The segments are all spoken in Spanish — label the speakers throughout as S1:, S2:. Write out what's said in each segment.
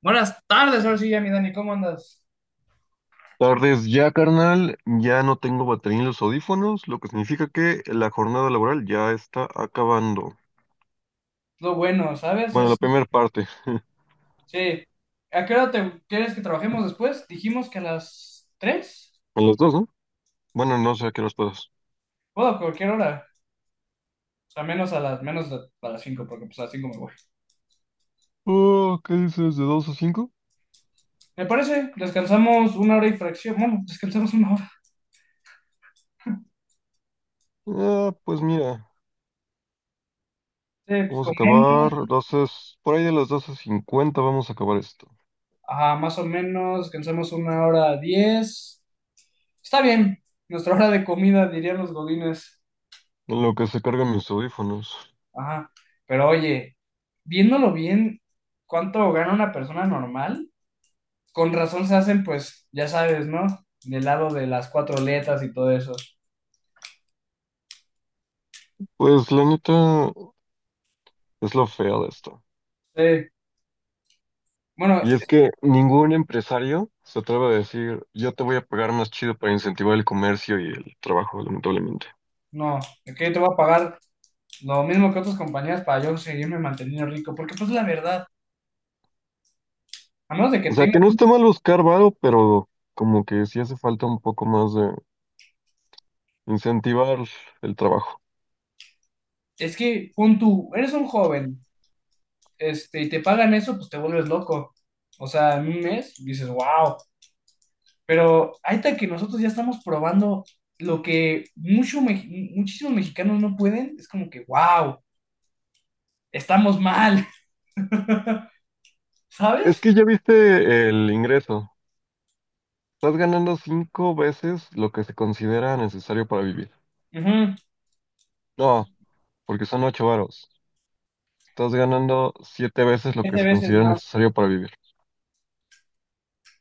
S1: Buenas tardes, ahora sí ya, mi Dani, ¿cómo andas?
S2: Tardes ya, carnal. Ya no tengo batería en los audífonos, lo que significa que la jornada laboral ya está acabando.
S1: Lo bueno, ¿sabes?
S2: Bueno, la
S1: Es,
S2: primera parte.
S1: sí. ¿A qué hora te quieres que trabajemos después? Dijimos que a las 3.
S2: A las dos, ¿no? Bueno, no sé a qué horas puedas.
S1: Puedo a cualquier hora. O sea, menos a las, menos de- a las cinco, porque pues a las 5 me voy.
S2: Oh, ¿qué dices? ¿De dos a cinco?
S1: ¿Me parece? Descansamos una hora y fracción. Bueno, descansamos una hora.
S2: Ah, pues mira,
S1: Sí, pues
S2: vamos a acabar
S1: comemos.
S2: doce, por ahí de las 12:50 vamos a acabar esto.
S1: Ajá, más o menos. Descansamos una hora diez. Está bien. Nuestra hora de comida, dirían los godines.
S2: En lo que se cargan mis audífonos.
S1: Ajá. Pero oye, viéndolo bien, ¿cuánto gana una persona normal? Con razón se hacen, pues, ya sabes, ¿no? Del lado de las cuatro letras y todo eso.
S2: Pues la neta es lo feo de esto.
S1: Sí. Bueno,
S2: Y es que ningún empresario se atreve a decir, yo te voy a pagar más chido para incentivar el comercio y el trabajo, lamentablemente.
S1: no, es que yo te voy a pagar lo mismo que otras compañías para yo seguirme manteniendo rico, porque pues la verdad, a menos de que
S2: O sea, que
S1: tengas,
S2: no está mal buscar varo, pero como que sí hace falta un poco más de incentivar el trabajo.
S1: es que pon tú, eres un joven, y te pagan eso, pues te vuelves loco. O sea, en un mes dices, wow, pero ahí está que nosotros ya estamos probando lo que mucho, muchísimos mexicanos no pueden, es como que, wow, estamos mal,
S2: Es
S1: ¿sabes?
S2: que ya viste el ingreso. Estás ganando cinco veces lo que se considera necesario para vivir.
S1: Ujú.
S2: No, porque son ocho varos. Estás ganando siete veces lo que
S1: Siete
S2: se
S1: veces
S2: considera
S1: más.
S2: necesario para vivir.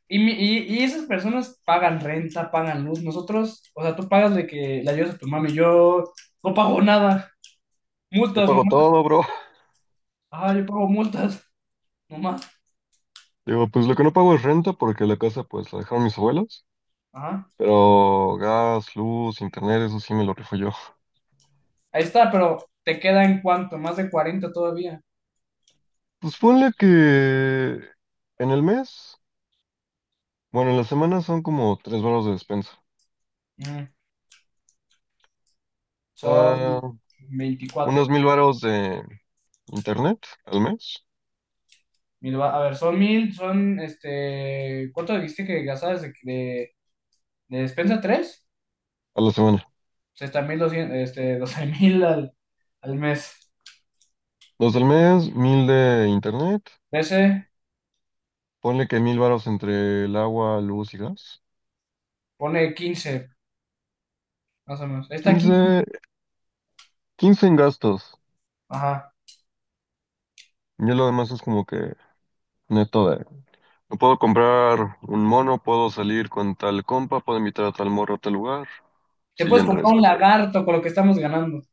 S1: Y esas personas pagan renta, pagan luz. Nosotros, o sea, tú pagas de que le ayudas a tu mami. Yo no pago nada.
S2: Yo
S1: Multas,
S2: pago
S1: mamá.
S2: todo, bro.
S1: Ah, yo pago multas, mamá.
S2: Digo, pues lo que no pago es renta porque la casa pues la dejaron mis abuelos.
S1: Ajá.
S2: Pero gas, luz, internet, eso sí me lo rifo yo.
S1: Ahí está, pero te queda en cuánto, más de cuarenta todavía.
S2: Pues ponle que en el mes, bueno, en la semana son como tres varos de despensa.
S1: Mm, Son
S2: Ah,
S1: veinticuatro.
S2: unos 1,000 varos de internet al mes,
S1: A ver, son mil, son este. ¿Cuánto dijiste que gastabas de, despensa? ¿Tres?
S2: a la semana.
S1: O sea, está 1200 12 mil al mes.
S2: Dos del mes, 1,000 de internet.
S1: 13,
S2: Ponle que 1,000 varos entre el agua, luz y gas.
S1: pone 15 más o menos. Está aquí.
S2: 15, 15 en gastos.
S1: Ajá.
S2: Y lo demás es como que neto de... No puedo comprar un mono, puedo salir con tal compa, puedo invitar a tal morro a tal lugar.
S1: Te
S2: Sí, ya
S1: puedes
S2: entré
S1: comprar
S2: ese.
S1: un lagarto con lo que estamos ganando.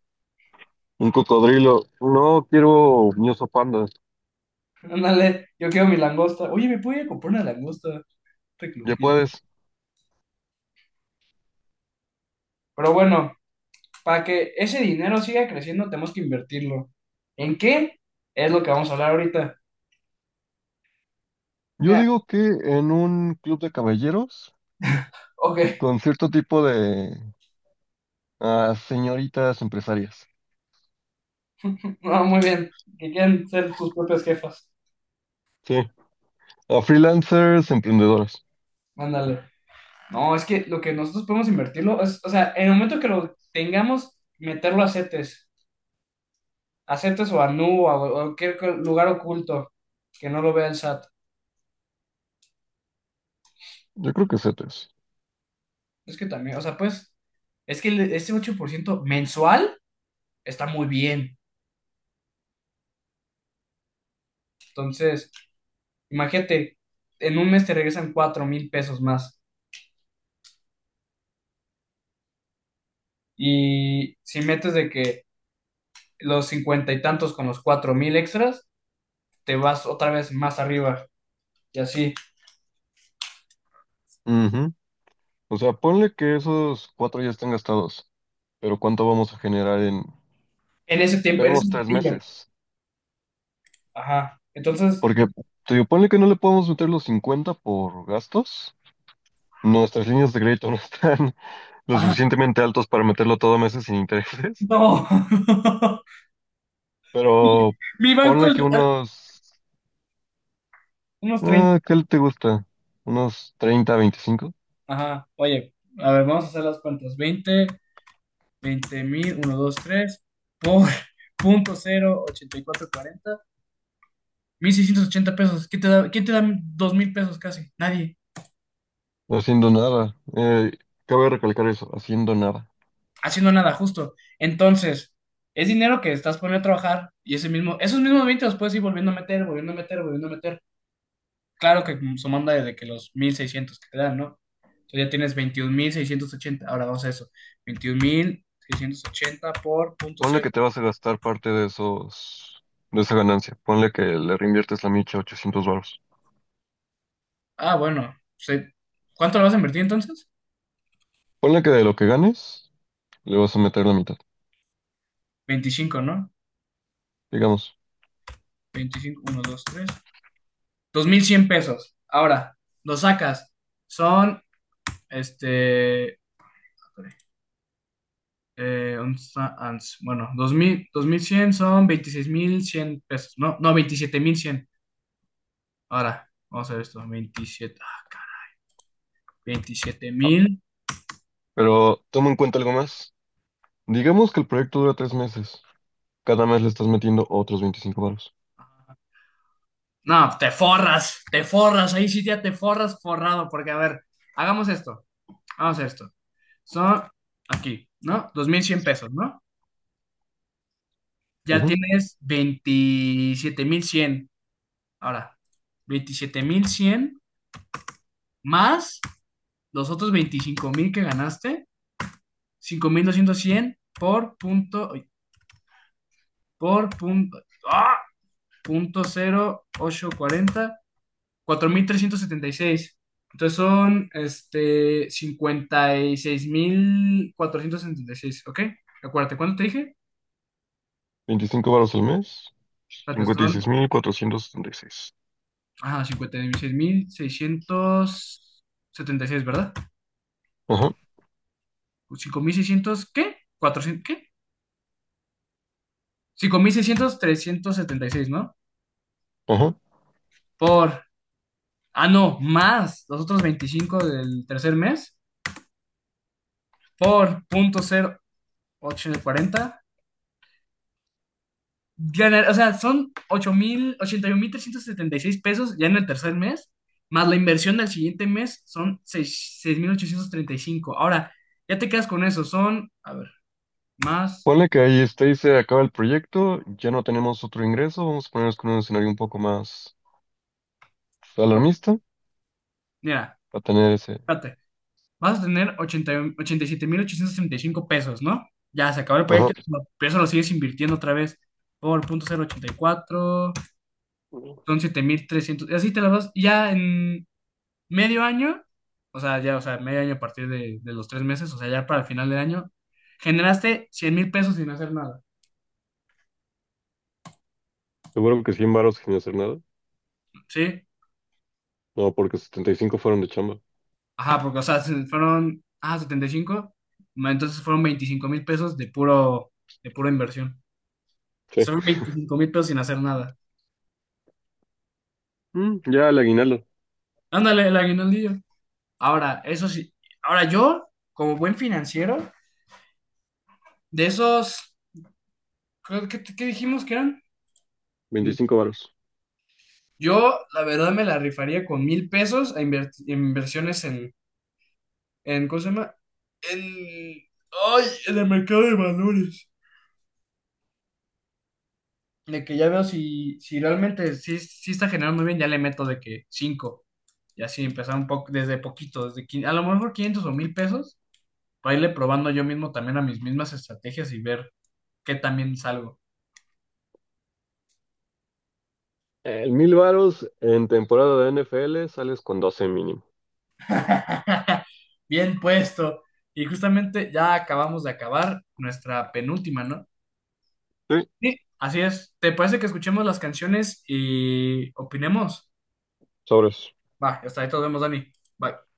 S2: Un cocodrilo. No quiero un oso panda.
S1: Ándale, yo quiero mi langosta. Oye, me puedo ir a comprar una langosta. Te
S2: Ya
S1: clupié.
S2: puedes.
S1: Pero bueno, para que ese dinero siga creciendo, tenemos que invertirlo. ¿En qué? Es lo que vamos a hablar ahorita.
S2: Yo
S1: Mira,
S2: digo que en un club de caballeros
S1: ok,
S2: con cierto tipo de señoritas empresarias.
S1: no, muy bien. Que quieran ser sus propias jefas.
S2: Sí. A freelancers, emprendedoras.
S1: Ándale. No, es que lo que nosotros podemos invertirlo es, o sea, en el momento que lo tengamos, meterlo a CETES. A CETES o a Nu o a cualquier lugar oculto que no lo vea el SAT.
S2: Yo creo que CETES.
S1: Es que también, o sea, pues, es que ese 8% mensual está muy bien. Entonces, imagínate, en un mes te regresan 4,000 pesos más. Y si metes de que los cincuenta y tantos con los 4,000 extras, te vas otra vez más arriba. Y así,
S2: Ujú. O sea, ponle que esos cuatro ya están gastados. Pero ¿cuánto vamos a generar en,
S1: en ese tiempo, en ese
S2: esperemos, tres
S1: platillo.
S2: meses?
S1: Ajá. Entonces, yo,
S2: Porque, te digo, ponle que no le podemos meter los 50 por gastos. Nuestras líneas de crédito no están lo
S1: ajá,
S2: suficientemente altos para meterlo todo a meses sin intereses,
S1: no.
S2: pero
S1: Mi banco,
S2: ponle que unos,
S1: unos 30.
S2: ¿qué te gusta? Unos 30, 25
S1: Ajá. Oye, a ver, vamos a hacer las cuentas. Veinte 20,000 uno dos tres por punto cero ochenta y cuatro cuarenta 1,680 pesos. Quién te da 2,000 pesos casi? Nadie,
S2: no haciendo nada. Cabe recalcar eso, haciendo nada.
S1: haciendo nada, justo. Entonces, es dinero que estás poniendo a trabajar y ese mismo, esos mismos 20 los puedes ir volviendo a meter, volviendo a meter, volviendo a meter. Claro que sumando desde que los 1,600 que te dan, ¿no? Entonces ya tienes 21,680. Ahora vamos a eso. 21,680 por punto
S2: Ponle
S1: cero.
S2: que te vas a gastar parte de esos, de esa ganancia. Ponle que le reinviertes la micha 800 baros.
S1: Ah, bueno. ¿Cuánto lo vas a invertir entonces?
S2: Ponle que de lo que ganes, le vas a meter la mitad,
S1: 25, ¿no?
S2: digamos.
S1: Veinticinco uno dos tres 2,100 pesos. Ahora, lo sacas. Son, este, eh, bueno, dos mil bueno, 2000, 2100 son 26,100 pesos. No, no, 27,100. Ahora, vamos a ver esto. Veintisiete ah, cara, 27,000.
S2: Pero toma en cuenta algo más. Digamos que el proyecto dura tres meses. Cada mes le estás metiendo otros 25 baros.
S1: No, te forras, te forras. Ahí sí ya te forras forrado. Porque, a ver, hagamos esto. Hagamos esto. Son aquí, ¿no? 2,100 pesos, ¿no? Ya tienes 27,100. Ahora, 27,100 más los otros 25,000 que ganaste, cinco mil doscientos cien por punto, ¡ah! Punto cero ocho cuarenta 4,376. Entonces son este cincuenta y seis mil cuatrocientos setenta y seis, ¿ok? Acuérdate, ¿cuánto te dije?
S2: 25 varos al mes,
S1: Espérate, son
S2: 56.476.
S1: ajá, cincuenta y seis mil seiscientos setenta y seis, ¿verdad?
S2: Ajá,
S1: 5,600, ¿qué? ¿400, qué? 5,600 376, ¿no?
S2: ajá.
S1: Por, ah, no, más los otros 25 del tercer mes, por punto cero ochocientos cuarenta. Ganar, o sea, son ocho mil mil ochenta y un mil trescientos setenta y seis pesos ya en el tercer mes, más la inversión del siguiente mes son 6,835. Ahora, ya te quedas con eso, son, a ver, más,
S2: Ponle que ahí está y se acaba el proyecto, ya no tenemos otro ingreso, vamos a ponernos con un escenario un poco más alarmista
S1: mira,
S2: para tener ese...
S1: espérate. Vas a tener 87,865 pesos, ¿no? Ya se acabó el
S2: Ajá,
S1: proyecto, pero eso lo sigues invirtiendo otra vez por punto cero ochenta y cuatro. Son 7,300 y así te las vas, y ya en medio año, o sea, ya, o sea, medio año a partir de, los tres meses, o sea, ya para el final del año, generaste 100,000 pesos sin hacer nada,
S2: seguro que 100 varos sin hacer nada.
S1: ¿sí?
S2: No, porque 75 fueron de chamba.
S1: Ajá, porque, o sea, fueron, ah, 75, ma, entonces fueron 25,000 pesos de puro, de pura inversión.
S2: Sí.
S1: Son 25,000 pesos sin hacer nada.
S2: Ya el aguinaldo,
S1: Ándale, el aguinaldillo. Ahora, eso sí, ahora yo, como buen financiero, de esos, ¿qué, dijimos que eran?
S2: 25 varos.
S1: Yo, la verdad, me la rifaría con 1,000 pesos a inversiones en, ¿cómo se llama? En, ay, en el mercado de valores. De que ya veo si realmente sí, sí está generando muy bien, ya le meto de que cinco. Y así empezar un poco, desde poquito, desde a lo mejor 500 o 1,000 pesos, para irle probando yo mismo también a mis mismas estrategias y ver qué también salgo.
S2: El 1,000 varos en temporada de NFL sales con 12 mínimo.
S1: Bien puesto. Y justamente ya acabamos de acabar nuestra penúltima, ¿no?
S2: Sí,
S1: Sí, así es. ¿Te parece que escuchemos las canciones y opinemos?
S2: sobres.
S1: Va, hasta ahí todos vemos, Dani. Bye.